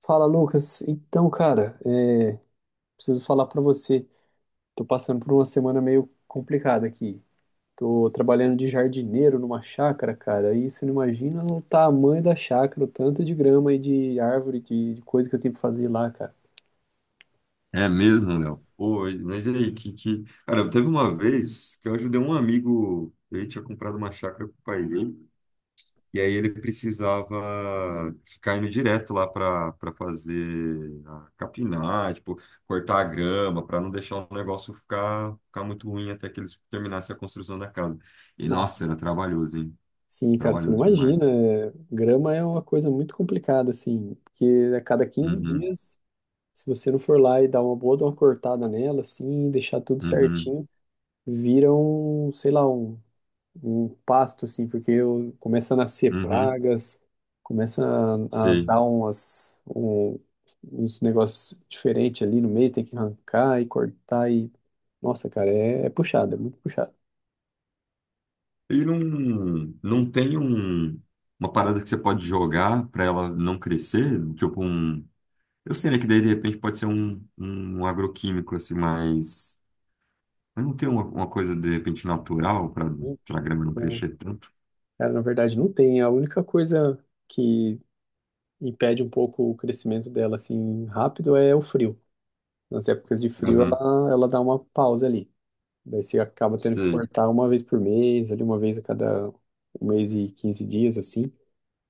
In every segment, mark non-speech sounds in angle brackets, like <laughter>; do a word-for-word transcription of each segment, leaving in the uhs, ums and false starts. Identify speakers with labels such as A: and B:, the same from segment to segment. A: Fala, Lucas. Então, cara, é, preciso falar pra você. Tô passando por uma semana meio complicada aqui. Tô trabalhando de jardineiro numa chácara, cara. E você não imagina o tamanho da chácara, o tanto de grama e de árvore, de, de coisa que eu tenho que fazer lá, cara.
B: É mesmo, Léo? Pô, e- mas e aí, que, que... Cara, teve uma vez que eu ajudei um amigo, ele tinha comprado uma chácara pro pai dele, e aí ele precisava ficar indo direto lá para para fazer, a capinar, tipo, cortar a grama, para não deixar o negócio ficar, ficar muito ruim até que eles terminassem a construção da casa. E, nossa,
A: Nossa.
B: era trabalhoso, hein?
A: Sim, cara, você não
B: Trabalhoso demais.
A: imagina. é, Grama é uma coisa muito complicada, assim, porque a cada quinze
B: Uhum,
A: dias, se você não for lá e dar uma boa, dar uma cortada nela, assim, e deixar tudo
B: uhum,
A: certinho, vira um, sei lá, um um pasto, assim, porque eu, começa a nascer
B: uhum,
A: pragas, começa a, a
B: sim.
A: dar umas, um- uns negócios diferentes ali no meio, tem que arrancar e cortar e... Nossa, cara, é, é puxado, é muito puxado.
B: Ele não, não tem um, uma parada que você pode jogar para ela não crescer, tipo um. Eu sei, né, que daí de repente pode ser um, um agroquímico, assim, mas. Mas não tem uma, uma coisa de repente natural para
A: Então,
B: a grama não crescer tanto.
A: cara, na verdade não tem. A única coisa que impede um pouco o crescimento dela, assim, rápido é o frio. Nas épocas de frio,
B: Aham,
A: ela, ela dá uma pausa ali. Daí você acaba tendo que
B: sei.
A: cortar uma vez por mês, ali uma vez a cada um mês e quinze dias, assim.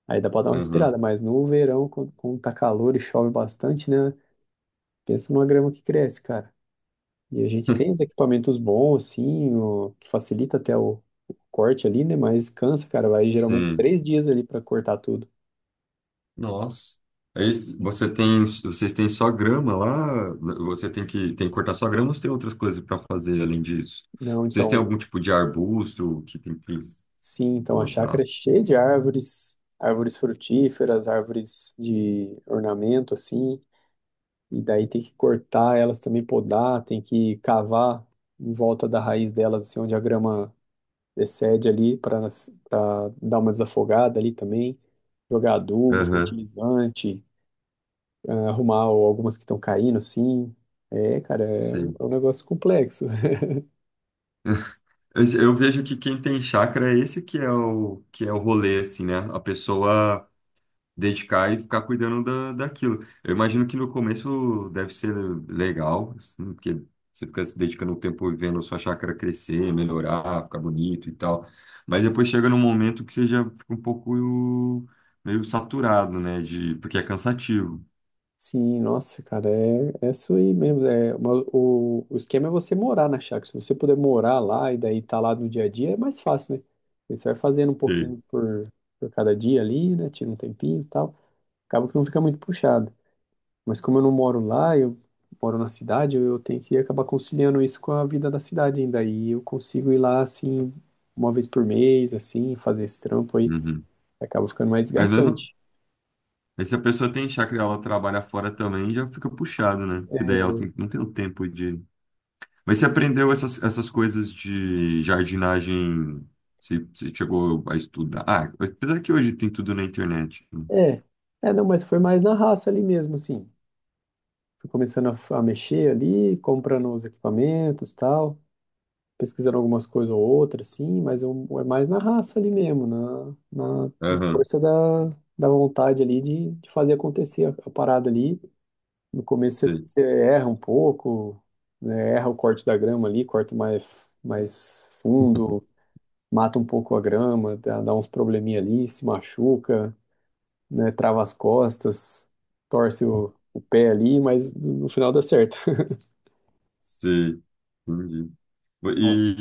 A: Aí dá pra dar uma
B: Aham,
A: respirada, mas no verão, quando, quando tá calor e chove bastante, né? Pensa numa grama que cresce, cara. E a gente tem os equipamentos bons, assim, o, que facilita até o, o corte ali, né? Mas cansa, cara. Vai geralmente
B: sim.
A: três dias ali pra cortar tudo.
B: Nossa. Aí você tem, vocês têm só grama lá? Você tem que, tem que cortar só grama ou você tem outras coisas para fazer além disso?
A: Não,
B: Vocês têm
A: então,
B: algum tipo de arbusto que tem que
A: sim, então a chácara
B: podar?
A: é cheia de árvores, árvores frutíferas, árvores de ornamento, assim, e daí tem que cortar elas também, podar, tem que cavar em volta da raiz delas, assim, onde a grama excede ali para dar uma desafogada ali também, jogar adubo,
B: Aham.
A: fertilizante, ah, arrumar o- algumas que estão caindo, sim. É, cara, é, um
B: Sim.
A: é um negócio complexo. <laughs>
B: Eu, eu vejo que quem tem chácara é esse que é o que é o rolê, assim, né? A pessoa dedicar e ficar cuidando da, daquilo. Eu imagino que no começo deve ser legal, assim, porque você fica se dedicando o tempo e vendo a sua chácara crescer, melhorar, ficar bonito e tal. Mas depois chega num momento que você já fica um pouco meio saturado, né? De, porque é cansativo.
A: Sim, nossa, cara, é, é isso aí mesmo. É, uma- o, o esquema é você morar na chácara. Se você puder morar lá e daí tá lá no dia a dia, é mais fácil, né? Você vai fazendo um
B: Sim.
A: pouquinho por, por cada dia ali, né? Tira um tempinho e tal. Acaba que não fica muito puxado. Mas como eu não moro lá, eu moro na cidade, eu eu tenho que acabar conciliando isso com a vida da cidade ainda. E eu consigo ir lá, assim, uma vez por mês, assim, fazer esse trampo aí.
B: Uhum.
A: Acaba ficando mais
B: Mas mesmo
A: desgastante.
B: Mas se a pessoa tem chácara e ela trabalha fora também, já fica puxado, né? Porque daí ela tem- não tem o tempo de. Mas você aprendeu essas, essas coisas de jardinagem? Você, você chegou a estudar? Ah, apesar que hoje tem tudo na internet, né?
A: É, é, não, mas foi mais na raça ali mesmo, assim. Fui começando a, f- a mexer ali, comprando os equipamentos, tal, pesquisando algumas coisas ou outras, assim, mas eu, é mais na raça ali mesmo, na, na, na
B: Aham,
A: força da, da vontade ali de, de fazer acontecer a, a parada ali. No começo você,
B: sei,
A: você erra um pouco, né? Erra o corte da grama ali, corta mais, mais fundo, mata um pouco a grama, dá, dá uns probleminha ali, se machuca, né? Trava as costas, torce o, o pé ali, mas no final dá certo. <laughs>
B: sei. Entendi. E,
A: Nossa.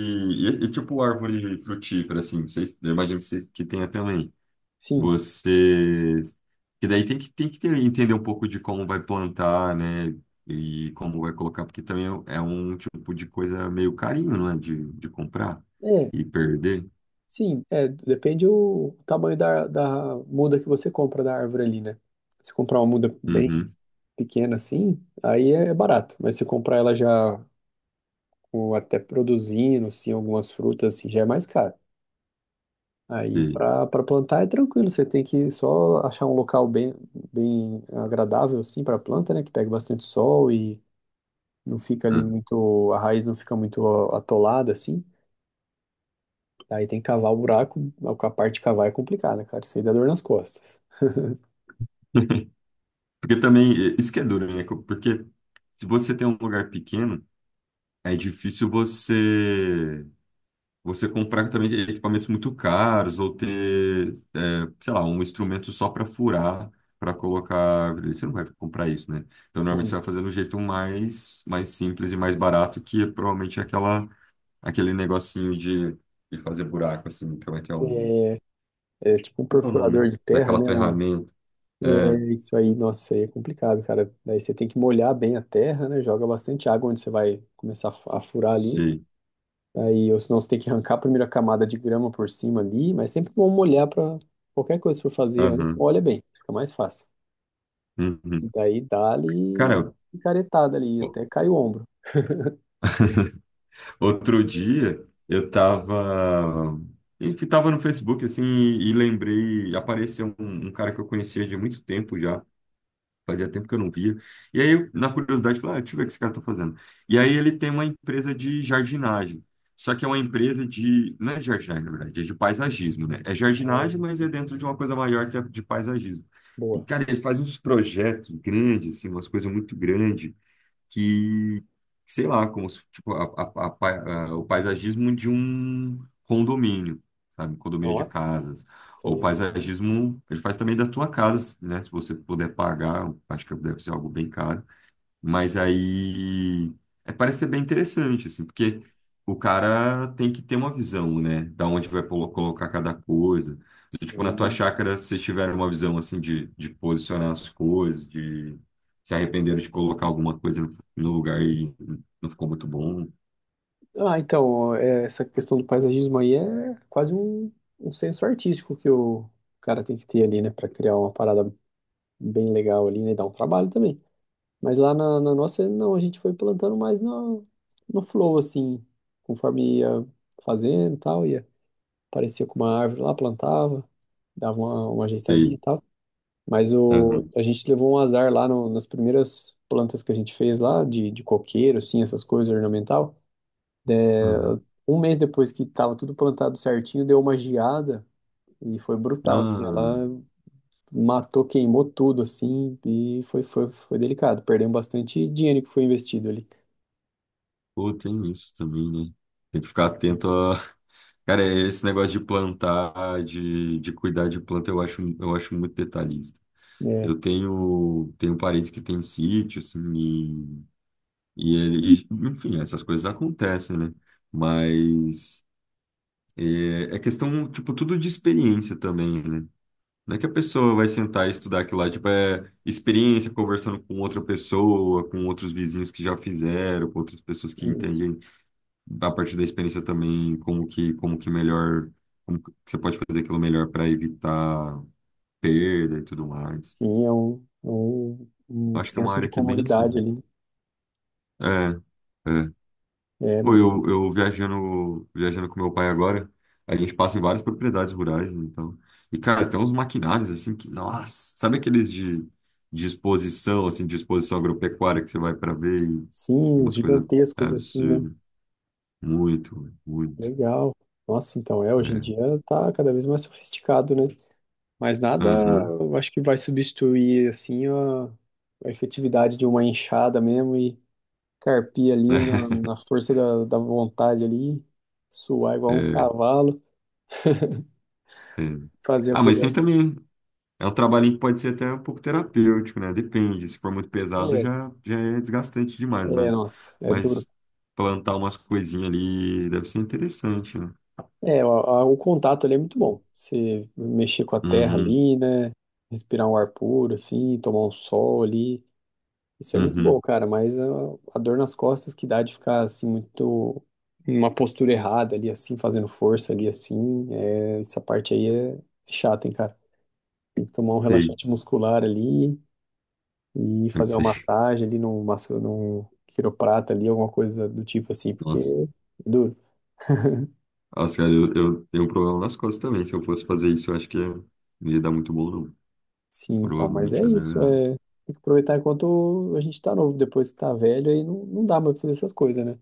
B: e- e, tipo árvore frutífera, assim, vocês, eu imagino que, vocês, que tenha também.
A: Sim,
B: Você. Que daí tem que, tem que ter- entender um pouco de como vai plantar, né? E como vai colocar, porque também é um tipo de coisa meio carinho, não é? De, de comprar
A: é,
B: e perder.
A: sim, é, depende o tamanho da, da muda que você compra da árvore ali, né? Se comprar uma muda bem
B: Uhum,
A: pequena assim, aí é barato, mas se comprar ela já ou até produzindo, assim, algumas frutas, assim, já é mais caro. Aí
B: sei.
A: para para plantar é tranquilo, você tem que só achar um local bem bem agradável assim para planta, né, que pega bastante sol e não fica ali
B: Ah.
A: muito a raiz não fica muito a- atolada assim. Aí tem que cavar o buraco, a parte de cavar é complicada, cara, isso aí dá dor nas costas.
B: <laughs> Porque também, eh, isso que é duro, né? Porque se você tem um lugar pequeno, é difícil você. Você comprar também equipamentos muito caros ou ter, é, sei lá, um instrumento só para furar, para colocar árvore. Você não vai comprar isso, né? Então, normalmente você
A: Sim,
B: vai fazer do jeito mais, mais simples e mais barato, que é provavelmente aquela, aquele negocinho de, de fazer buraco, assim, como é que é um...
A: é, é tipo um
B: Como é o
A: perfurador
B: nome?
A: de terra,
B: Daquela
A: né, um,
B: ferramenta. É,
A: é isso aí, nossa, isso aí é complicado, cara. Daí você tem que molhar bem a terra, né? Joga bastante água onde você vai começar a fu- a furar ali.
B: sei.
A: Aí, ou senão você tem que arrancar a primeira camada de grama por cima ali, mas sempre bom molhar para qualquer coisa que for fazer antes,
B: Aham.
A: molha bem, fica mais fácil. E
B: Uhum.
A: daí dá-lhe
B: Cara,
A: picaretada ali, até cai o ombro.
B: outro dia eu tava, enfim, tava no Facebook assim e, e lembrei, apareceu um, um cara que eu conhecia de muito tempo já, fazia tempo que eu não via. E aí, eu, na curiosidade, falei, ah, deixa eu ver o que esse cara tá fazendo. E aí ele tem uma empresa de jardinagem. Só que é uma empresa de, não é jardinagem, na verdade, é de paisagismo, né? É
A: Ah,
B: jardinagem, mas é
A: sim.
B: dentro de uma coisa maior que é de paisagismo. E,
A: Boa.
B: cara, ele faz uns projetos grandes, assim, umas coisas muito grandes que, sei lá, como se, tipo, a- a- a pa- a- o paisagismo de um condomínio, sabe? Condomínio de
A: Nossa,
B: casas.
A: isso
B: Ou
A: aí é bom.
B: paisagismo, ele faz também da tua casa, né? Se você puder pagar, acho que deve ser algo bem caro. Mas aí é, parece ser bem interessante, assim, porque o cara tem que ter uma visão, né? Da onde vai polo- colocar cada coisa. E, tipo, na tua
A: Sim,
B: chácara, se vocês tiveram uma visão, assim, de, de posicionar as coisas, de se arrependeram de colocar alguma coisa no, no lugar e não ficou muito bom.
A: ah, então, é, essa questão do paisagismo aí é quase um, um, senso artístico que o cara tem que ter ali, né, para criar uma parada bem legal ali, né, e dar um trabalho também. Mas lá na, na nossa, não, a gente foi plantando mais no, no flow, assim, conforme ia fazendo e tal, ia, aparecia com uma árvore lá, plantava, dava uma, uma ajeitadinha
B: Sei.
A: e tal. Mas o,
B: Aham,
A: a gente levou um azar lá no- nas primeiras plantas que a gente fez lá, de, de coqueiro, assim, essas coisas ornamental.
B: aham.
A: Um mês depois que tava tudo plantado certinho, deu uma geada e foi brutal, assim.
B: Ah,
A: Ela matou, queimou tudo, assim, e foi, foi, foi delicado. Perdemos bastante dinheiro que foi investido ali.
B: pô, tem isso também, né? Tem que ficar atento a. <laughs> Cara, esse negócio de plantar, de, de cuidar de planta, eu acho, eu acho muito detalhista.
A: É,
B: Eu tenho, tenho parentes que têm sítio, assim, e, e, ele, e, enfim, essas coisas acontecem, né? Mas é, é questão, tipo, tudo de experiência também, né? Não é que a pessoa vai sentar e estudar aquilo lá, tipo, é experiência conversando com outra pessoa, com outros vizinhos que já fizeram, com outras pessoas que
A: isso.
B: entendem a partir da experiência também como que, como que melhor, como que você pode fazer aquilo melhor para evitar perda e tudo mais.
A: Sim, é um, é um, um
B: Acho que é uma
A: senso
B: área
A: de
B: que é bem assim.
A: comunidade ali.
B: É, é.
A: É
B: Pô,
A: muito
B: eu,
A: isso.
B: eu viajando, viajando com meu pai agora, a gente passa em várias propriedades rurais, né, então. E, cara, tem uns maquinários assim que, nossa, sabe aqueles de, de exposição, assim, de exposição agropecuária que você vai para ver e
A: Sim, os
B: umas coisas
A: gigantescos, assim, né?
B: absurdas. Muito, muito.
A: Legal. Nossa, então é, hoje em
B: É.
A: dia tá cada vez mais sofisticado, né? Mas nada,
B: Aham.
A: eu acho que vai substituir, assim, a, a efetividade de uma enxada mesmo e, carpir ali na, na
B: <laughs>
A: força da, da vontade ali, suar igual um
B: É,
A: cavalo,
B: é.
A: fazer a
B: Ah, mas
A: coisa.
B: tem também. É um trabalhinho que pode ser até um pouco terapêutico, né? Depende. Se for muito pesado,
A: É,
B: já, já é desgastante demais,
A: é,
B: mas,
A: Nossa, é duro.
B: mas plantar umas coisinhas ali deve ser interessante, né?
A: É, o, a- o contato ali é muito bom. Você mexer com a terra
B: Uhum,
A: ali, né? Respirar um ar puro, assim, tomar um sol ali. Isso é muito bom,
B: uhum.
A: cara, mas a, a dor nas costas que dá de ficar, assim, muito. Numa postura errada ali, assim, fazendo força ali, assim. É, essa parte aí é é chata, hein, cara. Tem que tomar um
B: Sei,
A: relaxante muscular ali. E
B: eu
A: fazer uma
B: sei. <laughs>
A: massagem ali num, masso- num quiroprata ali, alguma coisa do tipo assim, porque
B: Nossa,
A: é duro.
B: nossa, cara, eu, eu tenho um problema nas costas também. Se eu fosse fazer isso, eu acho que ia- não ia dar muito bom, não.
A: Sim, então, mas
B: Provavelmente
A: é
B: ia dar
A: isso,
B: errado.
A: é, tem que aproveitar enquanto a gente tá novo, depois que tá velho, aí não, não dá mais pra fazer essas coisas, né?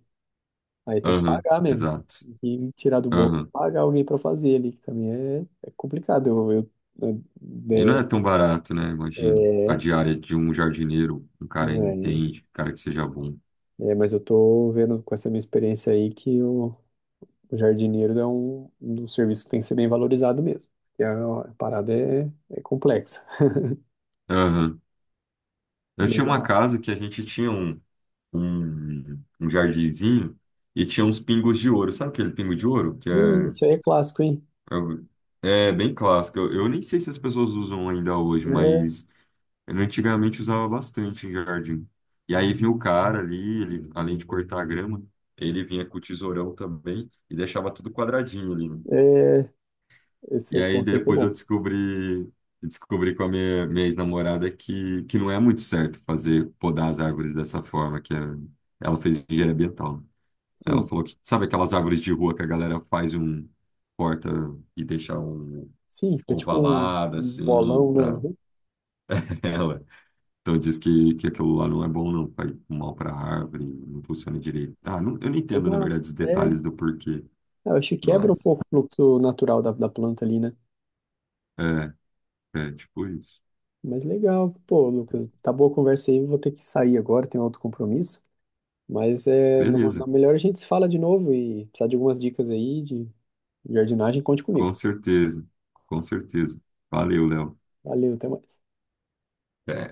A: Aí tem que
B: Aham,
A: pagar mesmo,
B: exato.
A: e tirar do bolso,
B: Aham.
A: pagar alguém pra fazer ali, que também é, é complicado, eu, eu-
B: E não é tão barato, né?
A: é,
B: Imagino. A
A: é,
B: diária de um jardineiro, um cara que
A: não é, né?
B: entende, um cara que seja bom.
A: É, mas eu tô vendo com essa minha experiência aí que eu o jardineiro é um, um serviço que tem que ser bem valorizado mesmo. Porque a, a parada é, é complexa.
B: Eu tinha uma
A: Legal.
B: casa que a gente tinha um, um, um jardinzinho e tinha uns pingos de ouro. Sabe aquele pingo de ouro? Que
A: Ih,
B: é,
A: isso aí é clássico, hein?
B: é, o- é bem clássico. Eu, eu nem sei se as pessoas usam ainda hoje,
A: É,
B: mas eu antigamente usava bastante em jardim. E aí vinha o cara ali, ele, além de cortar a grama, ele vinha com o tesourão também e deixava tudo quadradinho ali, né?
A: é,
B: E
A: esse
B: aí
A: conceito é
B: depois eu
A: bom.
B: descobri, descobri com a minha, minha ex-namorada que, que não é muito certo fazer podar as árvores dessa forma, que é- ela fez engenharia ambiental. Ela
A: Sim,
B: falou que, sabe aquelas árvores de rua que a galera faz um corta e deixa um
A: sim, fica tipo um,
B: ovalado
A: um
B: assim,
A: bolão, né?
B: tá?
A: Uhum.
B: <laughs> Ela. Então diz que, que aquilo lá não é bom não, faz um mal para a árvore, não funciona direito. Ah, não- eu não entendo, na
A: Exato.
B: verdade, os
A: É,
B: detalhes do porquê,
A: eu acho que quebra um
B: mas
A: pouco o fluxo natural da, da planta ali, né?
B: é, é tipo isso.
A: Mas legal, pô, Lucas, tá boa a conversa aí, vou ter que sair agora, tenho outro compromisso. Mas é, na
B: Beleza.
A: melhor a gente se fala de novo e precisar de algumas dicas aí de jardinagem, conte comigo.
B: Com certeza, com certeza. Valeu, Léo.
A: Valeu, até mais.
B: É,